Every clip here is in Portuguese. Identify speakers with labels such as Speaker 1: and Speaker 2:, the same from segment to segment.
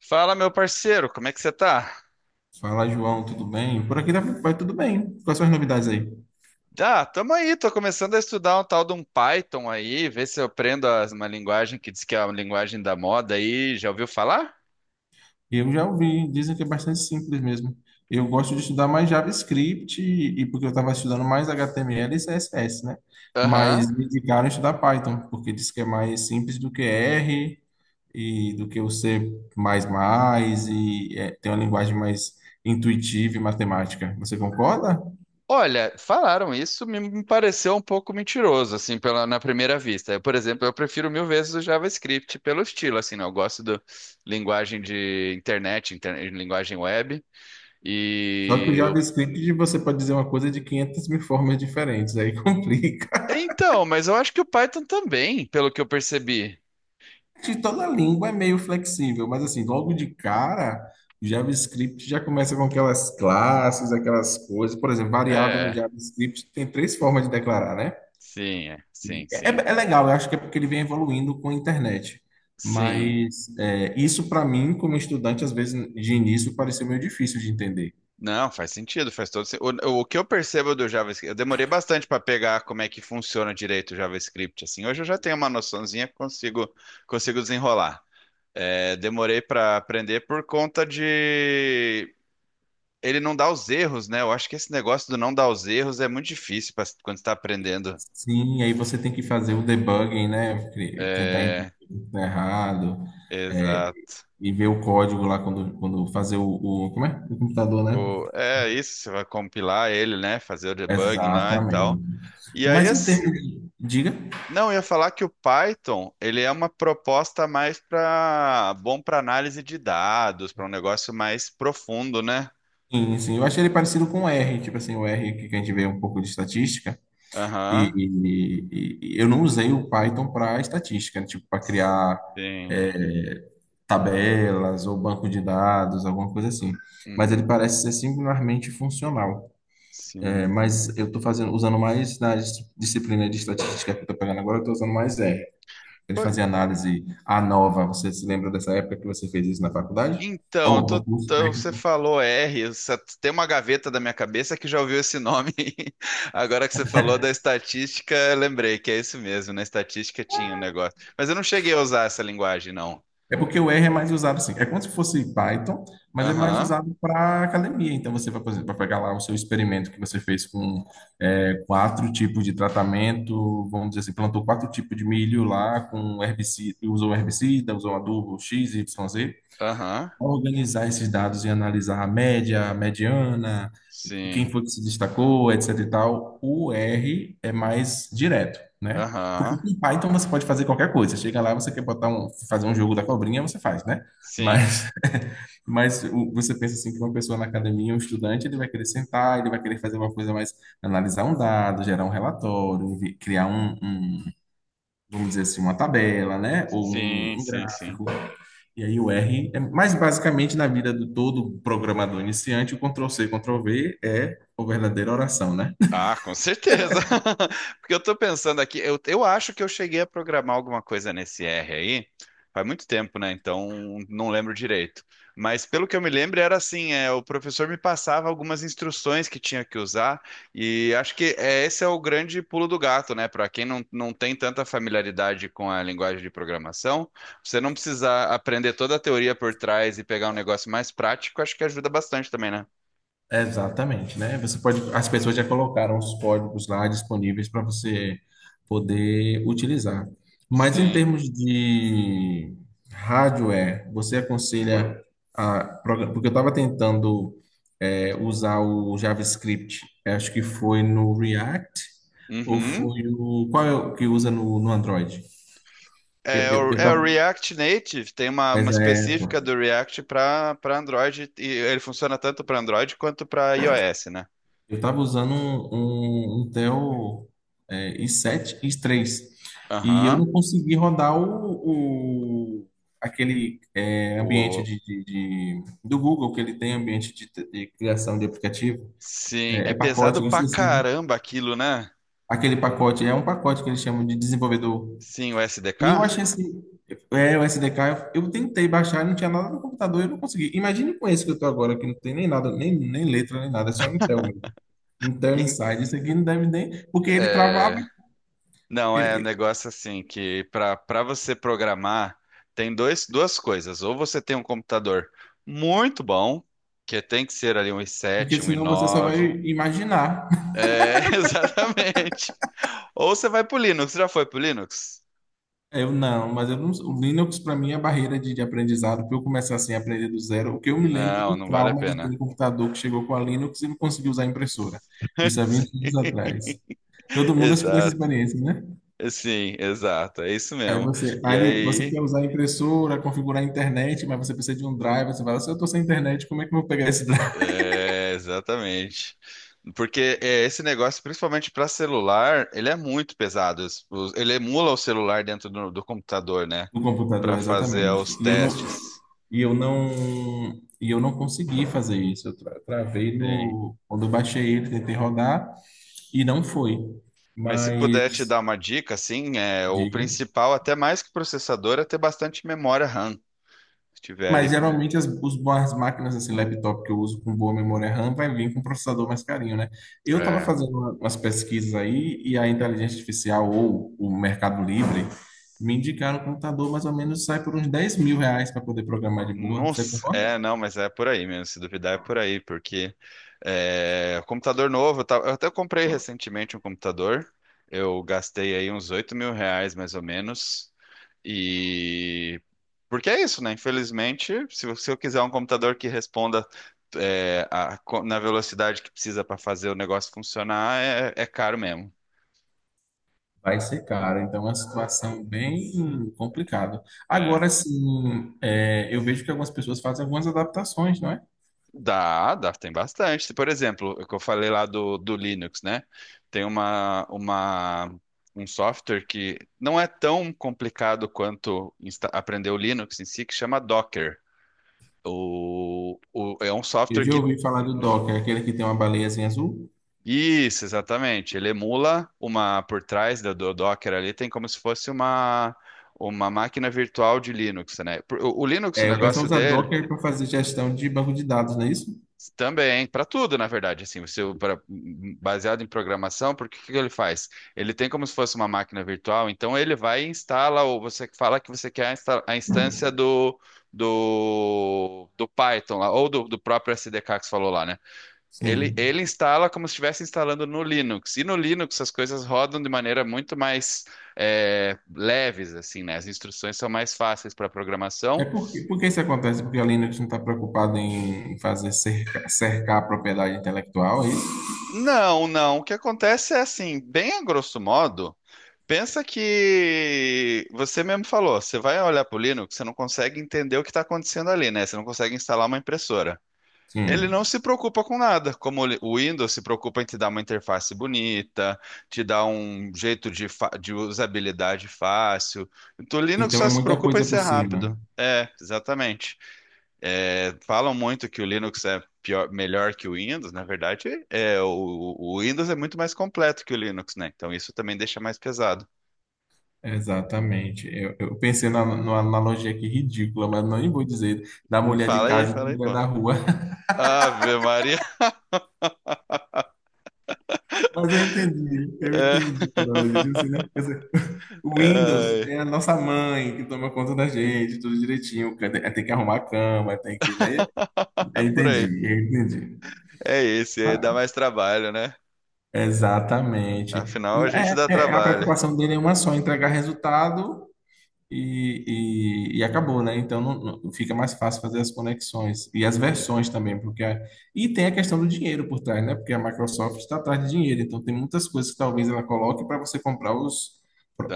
Speaker 1: Fala, meu parceiro, como é que você tá?
Speaker 2: Fala, João, tudo bem? Por aqui vai tudo bem. Quais são as novidades aí?
Speaker 1: Tamo aí, tô começando a estudar um tal de um Python aí, ver se eu aprendo uma linguagem que diz que é uma linguagem da moda aí, já ouviu falar?
Speaker 2: Eu já ouvi, dizem que é bastante simples mesmo. Eu gosto de estudar mais JavaScript e porque eu estava estudando mais HTML e CSS, né? Mas
Speaker 1: Aham.
Speaker 2: me indicaram estudar Python, porque diz que é mais simples do que R e do que o C++ e tem uma linguagem mais intuitiva e matemática. Você concorda?
Speaker 1: Olha, falaram isso, me pareceu um pouco mentiroso, assim, na primeira vista. Eu, por exemplo, eu prefiro mil vezes o JavaScript pelo estilo, assim, né? Eu gosto da linguagem de internet, linguagem web,
Speaker 2: Só que o
Speaker 1: e... eu-
Speaker 2: JavaScript você pode dizer uma coisa de 500 mil formas diferentes, aí complica.
Speaker 1: Então, mas eu acho que o Python também, pelo que eu percebi.
Speaker 2: De toda língua é meio flexível, mas assim, logo de cara, o JavaScript já começa com aquelas classes, aquelas coisas. Por exemplo, variável no
Speaker 1: É...
Speaker 2: JavaScript tem três formas de declarar, né?
Speaker 1: Sim, é. Sim,
Speaker 2: É, é
Speaker 1: sim.
Speaker 2: é legal, eu acho que é porque ele vem evoluindo com a internet.
Speaker 1: Sim.
Speaker 2: Mas isso, para mim, como estudante, às vezes de início pareceu meio difícil de entender.
Speaker 1: Não, faz sentido, faz todo sentido. O que eu percebo do JavaScript, eu demorei bastante para pegar como é que funciona direito o JavaScript, assim. Hoje eu já tenho uma noçãozinha, consigo desenrolar. É, demorei para aprender por conta de ele não dar os erros, né? Eu acho que esse negócio do não dar os erros é muito difícil pra, quando você está aprendendo.
Speaker 2: Sim, aí você tem que fazer o debugging, né? Tentar entender
Speaker 1: É,
Speaker 2: o que tá errado, é,
Speaker 1: exato.
Speaker 2: e ver o código lá quando fazer o. Como é? O computador, né?
Speaker 1: É isso, você vai compilar ele, né? Fazer o debugging lá e tal.
Speaker 2: Exatamente.
Speaker 1: E aí,
Speaker 2: Mas em
Speaker 1: assim,
Speaker 2: termos de. Diga?
Speaker 1: não, eu ia falar que o Python, ele é uma proposta mais para bom para análise de dados, para um negócio mais profundo, né?
Speaker 2: Sim, sim. Eu achei ele parecido com o R, tipo assim, o R que a gente vê um pouco de estatística. E,
Speaker 1: Aham.
Speaker 2: e eu não usei o Python para estatística, né? Tipo, para criar
Speaker 1: Sim.
Speaker 2: é, tabelas ou banco de dados, alguma coisa assim. Mas ele
Speaker 1: Uhum.
Speaker 2: parece ser singularmente funcional. É,
Speaker 1: Sim.
Speaker 2: mas eu estou fazendo, usando mais na disciplina de estatística que eu estou pegando agora, eu estou usando mais R. Ele
Speaker 1: Pô,
Speaker 2: fazia análise a nova. Você se lembra dessa época que você fez isso na faculdade?
Speaker 1: então, eu
Speaker 2: Ou no curso
Speaker 1: você
Speaker 2: técnico?
Speaker 1: falou R, eu tem uma gaveta da minha cabeça que já ouviu esse nome. Agora que você falou da estatística, eu lembrei que é isso mesmo, na estatística tinha um negócio. Mas eu não cheguei a usar essa linguagem, não.
Speaker 2: É porque o R é mais usado assim. É como se fosse Python, mas é mais
Speaker 1: Aham,
Speaker 2: usado para academia. Então você vai, por exemplo, vai pegar lá o seu experimento que você fez com quatro tipos de tratamento. Vamos dizer assim, plantou quatro tipos de milho lá com herbicida, usou adubo X, Y, Z.
Speaker 1: aham,
Speaker 2: Organizar esses dados e analisar a média, a mediana, quem
Speaker 1: sim,
Speaker 2: foi que se destacou, etc e tal, o R é mais direto, né? Porque
Speaker 1: aham,
Speaker 2: com Python você pode fazer qualquer coisa. Você chega lá, você quer botar um, fazer um jogo da cobrinha, você faz, né?
Speaker 1: sim.
Speaker 2: Mas, você pensa assim que uma pessoa na academia, um estudante, ele vai querer sentar, ele vai querer fazer uma coisa mais, analisar um dado, gerar um relatório, criar vamos dizer assim, uma tabela, né? Ou
Speaker 1: Sim,
Speaker 2: um
Speaker 1: sim, sim.
Speaker 2: gráfico. E aí o R mais basicamente na vida do todo programador iniciante, o Ctrl C, Ctrl V é a verdadeira oração, né?
Speaker 1: Ah, com certeza. Porque eu tô pensando aqui, eu acho que eu cheguei a programar alguma coisa nesse R aí. Faz muito tempo, né? Então não lembro direito. Mas pelo que eu me lembro, era assim, é, o professor me passava algumas instruções que tinha que usar, e acho que é, esse é o grande pulo do gato, né? Para quem não tem tanta familiaridade com a linguagem de programação, você não precisar aprender toda a teoria por trás e pegar um negócio mais prático, acho que ajuda bastante também, né?
Speaker 2: Exatamente, né? Você pode, as pessoas já colocaram os códigos lá disponíveis para você poder utilizar. Mas em
Speaker 1: Sim,
Speaker 2: termos de hardware, você aconselha porque eu estava tentando usar o JavaScript. Eu acho que foi no React ou
Speaker 1: uhum.
Speaker 2: foi o. Qual é o que usa no Android? Eu,
Speaker 1: É,
Speaker 2: eu, eu
Speaker 1: é o
Speaker 2: tava.
Speaker 1: React Native, tem uma específica
Speaker 2: Exato.
Speaker 1: do React para Android, e ele funciona tanto para Android quanto para iOS, né?
Speaker 2: Eu estava usando um Intel, i7, i3. E eu
Speaker 1: Aham.
Speaker 2: não consegui rodar aquele ambiente
Speaker 1: O,
Speaker 2: do Google que ele tem ambiente de criação de aplicativo.
Speaker 1: sim,
Speaker 2: É,
Speaker 1: é
Speaker 2: é pacote,
Speaker 1: pesado
Speaker 2: eu
Speaker 1: pra
Speaker 2: esqueci, né?
Speaker 1: caramba aquilo, né?
Speaker 2: Aquele pacote é um pacote que eles chamam de desenvolvedor.
Speaker 1: Sim, o
Speaker 2: E eu
Speaker 1: SDK?
Speaker 2: achei esse, o SDK, eu tentei baixar, não tinha nada no computador, eu não consegui. Imagine com esse que eu tô agora, que não tem nem nada, nem letra, nem nada, é só Intel mesmo. Intel
Speaker 1: Em-
Speaker 2: Inside, isso aqui não deve nem, porque ele travava,
Speaker 1: é, não, é um
Speaker 2: ele-
Speaker 1: negócio assim que para você programar tem duas coisas. Ou você tem um computador muito bom, que tem que ser ali um
Speaker 2: porque
Speaker 1: i7, um
Speaker 2: senão você só vai
Speaker 1: i9.
Speaker 2: imaginar.
Speaker 1: É, exatamente. Ou você vai pro Linux. Você já foi pro Linux?
Speaker 2: Eu não, mas eu não, o Linux para mim é a barreira de aprendizado, para eu começar assim a aprender do zero, o que eu me lembro
Speaker 1: Não,
Speaker 2: do
Speaker 1: não vale a
Speaker 2: trauma de ter
Speaker 1: pena.
Speaker 2: um computador que chegou com a Linux e não conseguiu usar a impressora. Isso há 20
Speaker 1: Sim,
Speaker 2: anos atrás. Todo mundo acho que tem essa
Speaker 1: exato.
Speaker 2: experiência, né?
Speaker 1: Sim, exato. É isso
Speaker 2: Aí
Speaker 1: mesmo.
Speaker 2: você,
Speaker 1: E
Speaker 2: aí você quer
Speaker 1: aí,
Speaker 2: usar a impressora, configurar a internet, mas você precisa de um drive. Você fala, se eu estou sem internet, como é que eu vou pegar esse drive
Speaker 1: é, exatamente. Porque é, esse negócio, principalmente para celular, ele é muito pesado. Ele emula o celular dentro do, do computador, né?
Speaker 2: no
Speaker 1: Para
Speaker 2: computador?
Speaker 1: fazer
Speaker 2: Exatamente.
Speaker 1: os
Speaker 2: E eu não,
Speaker 1: testes.
Speaker 2: e eu não, e eu não consegui fazer isso. Eu travei
Speaker 1: Sim.
Speaker 2: no, quando eu baixei ele, tentei rodar e não foi.
Speaker 1: Mas se puder te
Speaker 2: Mas,
Speaker 1: dar uma dica, assim, é, o
Speaker 2: diga.
Speaker 1: principal, até mais que processador, é ter bastante memória RAM. Se tiver
Speaker 2: Mas
Speaker 1: ali.
Speaker 2: geralmente as, os boas máquinas, assim, laptop que eu uso com boa memória RAM, vai vir com um processador mais carinho, né? Eu estava
Speaker 1: É,
Speaker 2: fazendo umas pesquisas aí e a inteligência artificial ou o Mercado Livre me indicaram que um computador mais ou menos sai por uns 10 mil reais para poder programar de boa. Você
Speaker 1: nossa,
Speaker 2: concorda?
Speaker 1: é, não, mas é por aí mesmo. Se duvidar, é por aí, porque é, computador novo, tá, eu até comprei recentemente um computador. Eu gastei aí uns R$ 8.000, mais ou menos. E porque é isso, né? Infelizmente, se eu quiser um computador que responda é, na velocidade que precisa para fazer o negócio funcionar, é, é caro mesmo.
Speaker 2: Vai ser caro, então é uma situação bem complicada.
Speaker 1: É.
Speaker 2: Agora, sim, eu vejo que algumas pessoas fazem algumas adaptações, não é?
Speaker 1: Dá, dá, tem bastante. Se, por exemplo, o que eu falei lá do, do Linux, né? Tem uma, uma, um software que não é tão complicado quanto aprender o Linux em si, que chama Docker. É um
Speaker 2: Eu
Speaker 1: software
Speaker 2: já
Speaker 1: que.
Speaker 2: ouvi falar do Docker, aquele que tem uma baleiazinha azul.
Speaker 1: Isso, exatamente. Ele emula uma por trás do Docker ali, tem como se fosse uma máquina virtual de Linux, né? O Linux, o
Speaker 2: É, o pessoal
Speaker 1: negócio
Speaker 2: usa
Speaker 1: dele
Speaker 2: Docker para fazer gestão de banco de dados, não é isso?
Speaker 1: também, para tudo, na verdade, assim, você baseado em programação, porque que ele faz? Ele tem como se fosse uma máquina virtual, então ele vai e instala, ou você fala que você quer a a instância do, do, do Python lá, ou do, do próprio SDK que você falou lá, né?
Speaker 2: Sim.
Speaker 1: Ele instala como se estivesse instalando no Linux, e no Linux as coisas rodam de maneira muito mais é, leves, assim, né? As instruções são mais fáceis para
Speaker 2: É
Speaker 1: programação.
Speaker 2: porque, por que isso acontece? Porque a Linux não está preocupada em fazer cercar a propriedade intelectual, é isso?
Speaker 1: Não, não, o que acontece é assim, bem a grosso modo. Pensa que você mesmo falou, você vai olhar para o Linux, você não consegue entender o que está acontecendo ali, né? Você não consegue instalar uma impressora. Ele não
Speaker 2: Sim.
Speaker 1: se preocupa com nada, como o o Windows se preocupa em te dar uma interface bonita, te dar um jeito de, de usabilidade fácil. Então, o Linux
Speaker 2: Então
Speaker 1: só
Speaker 2: é
Speaker 1: se
Speaker 2: muita
Speaker 1: preocupa em
Speaker 2: coisa por
Speaker 1: ser
Speaker 2: cima.
Speaker 1: rápido. É, exatamente. É, falam muito que o Linux é melhor que o Windows, na verdade, é, o Windows é muito mais completo que o Linux, né? Então isso também deixa mais pesado.
Speaker 2: Exatamente. Eu pensei na, numa analogia aqui ridícula, mas não nem vou dizer da mulher de casa e da
Speaker 1: Fala aí, pô.
Speaker 2: mulher da rua.
Speaker 1: Ave Maria.
Speaker 2: Mas eu
Speaker 1: É,
Speaker 2: entendi a analogia. Tipo assim, né? Quer dizer, o Windows
Speaker 1: é,
Speaker 2: é a nossa mãe que toma conta da gente, tudo direitinho. Tem que arrumar a cama, tem que, né?
Speaker 1: é por
Speaker 2: Entendi,
Speaker 1: aí.
Speaker 2: entendi.
Speaker 1: É esse, aí dá mais trabalho, né?
Speaker 2: Exatamente.
Speaker 1: Afinal, a gente dá
Speaker 2: É, a
Speaker 1: trabalho.
Speaker 2: preocupação dele é uma só, entregar resultado e acabou, né? Então não, fica mais fácil fazer as conexões e as versões também, porque e tem a questão do dinheiro por trás, né? Porque a Microsoft está atrás de dinheiro, então tem muitas coisas que talvez ela coloque para você comprar os,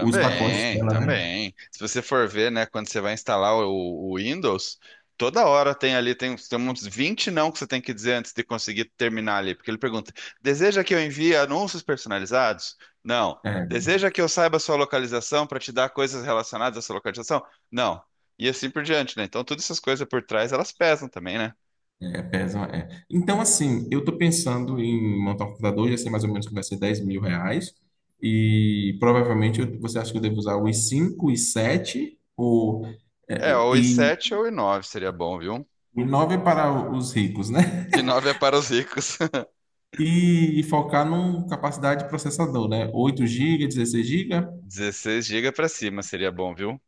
Speaker 2: os pacotes dela, né?
Speaker 1: também. Se você for ver, né, quando você vai instalar o Windows, toda hora tem ali, tem, tem uns 20 não que você tem que dizer antes de conseguir terminar ali, porque ele pergunta: deseja que eu envie anúncios personalizados? Não.
Speaker 2: É,
Speaker 1: Deseja que eu saiba a sua localização para te dar coisas relacionadas à sua localização? Não. E assim por diante, né? Então, todas essas coisas por trás, elas pesam também, né?
Speaker 2: É. Então, assim, eu tô pensando em montar um computador, já sei mais ou menos que vai ser 10 mil reais, e provavelmente você acha que eu devo usar o i5, i7 ou,
Speaker 1: É, ou i
Speaker 2: e
Speaker 1: sete ou i nove seria bom, viu?
Speaker 2: i9 para os ricos, né?
Speaker 1: I nove é para os ricos.
Speaker 2: E focar numa capacidade de processador, né? 8 GB, 16 GB.
Speaker 1: 16 gigas para cima seria bom, viu?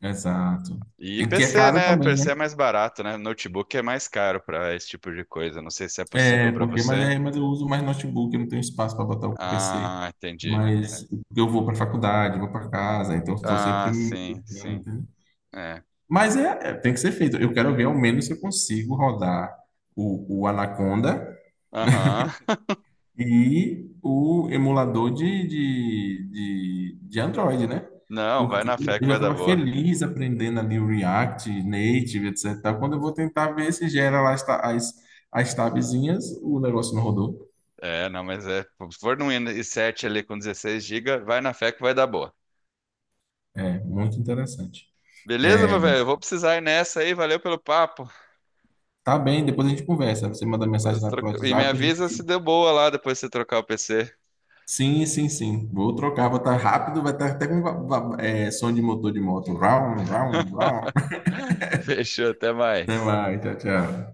Speaker 2: Exato.
Speaker 1: E
Speaker 2: E
Speaker 1: P
Speaker 2: que é
Speaker 1: C,
Speaker 2: caro
Speaker 1: né? P
Speaker 2: também, né?
Speaker 1: C é mais barato, né? Notebook é mais caro para esse tipo de coisa. Não sei se é possível
Speaker 2: É,
Speaker 1: para
Speaker 2: porque, mas,
Speaker 1: você.
Speaker 2: é, mas eu uso mais notebook, eu não tenho espaço para botar o PC.
Speaker 1: Ah, entendi.
Speaker 2: Mas eu vou para faculdade, vou para casa, então estou sempre
Speaker 1: Ah,
Speaker 2: me
Speaker 1: sim,
Speaker 2: mudando,
Speaker 1: sim.
Speaker 2: entendeu?
Speaker 1: É.
Speaker 2: Mas tem que ser feito. Eu quero ver ao menos se eu consigo rodar o Anaconda
Speaker 1: Aham.
Speaker 2: e o emulador de Android, né?
Speaker 1: Não, vai
Speaker 2: Porque
Speaker 1: na fé que
Speaker 2: eu já
Speaker 1: vai dar
Speaker 2: estava
Speaker 1: boa.
Speaker 2: feliz aprendendo ali o React, Native, etc. Quando eu vou tentar ver se gera lá as tabzinhas, o negócio não rodou.
Speaker 1: É, não, mas é. Se for num i7 ali com 16 GB, vai na fé que vai dar boa.
Speaker 2: É, muito interessante.
Speaker 1: Beleza, meu
Speaker 2: É,
Speaker 1: velho? Eu vou precisar ir nessa aí. Valeu pelo papo.
Speaker 2: tá bem, depois a gente conversa. Você manda mensagem
Speaker 1: Depois
Speaker 2: lá pelo
Speaker 1: troca... E me
Speaker 2: WhatsApp, a
Speaker 1: avisa se
Speaker 2: gente.
Speaker 1: deu boa lá depois de você trocar o P C.
Speaker 2: Sim, sim, sim. Vou trocar, vou estar rápido, vai estar até com som de motor de moto. Round, round, round.
Speaker 1: Fechou, até
Speaker 2: Até
Speaker 1: mais.
Speaker 2: mais, tchau, tchau.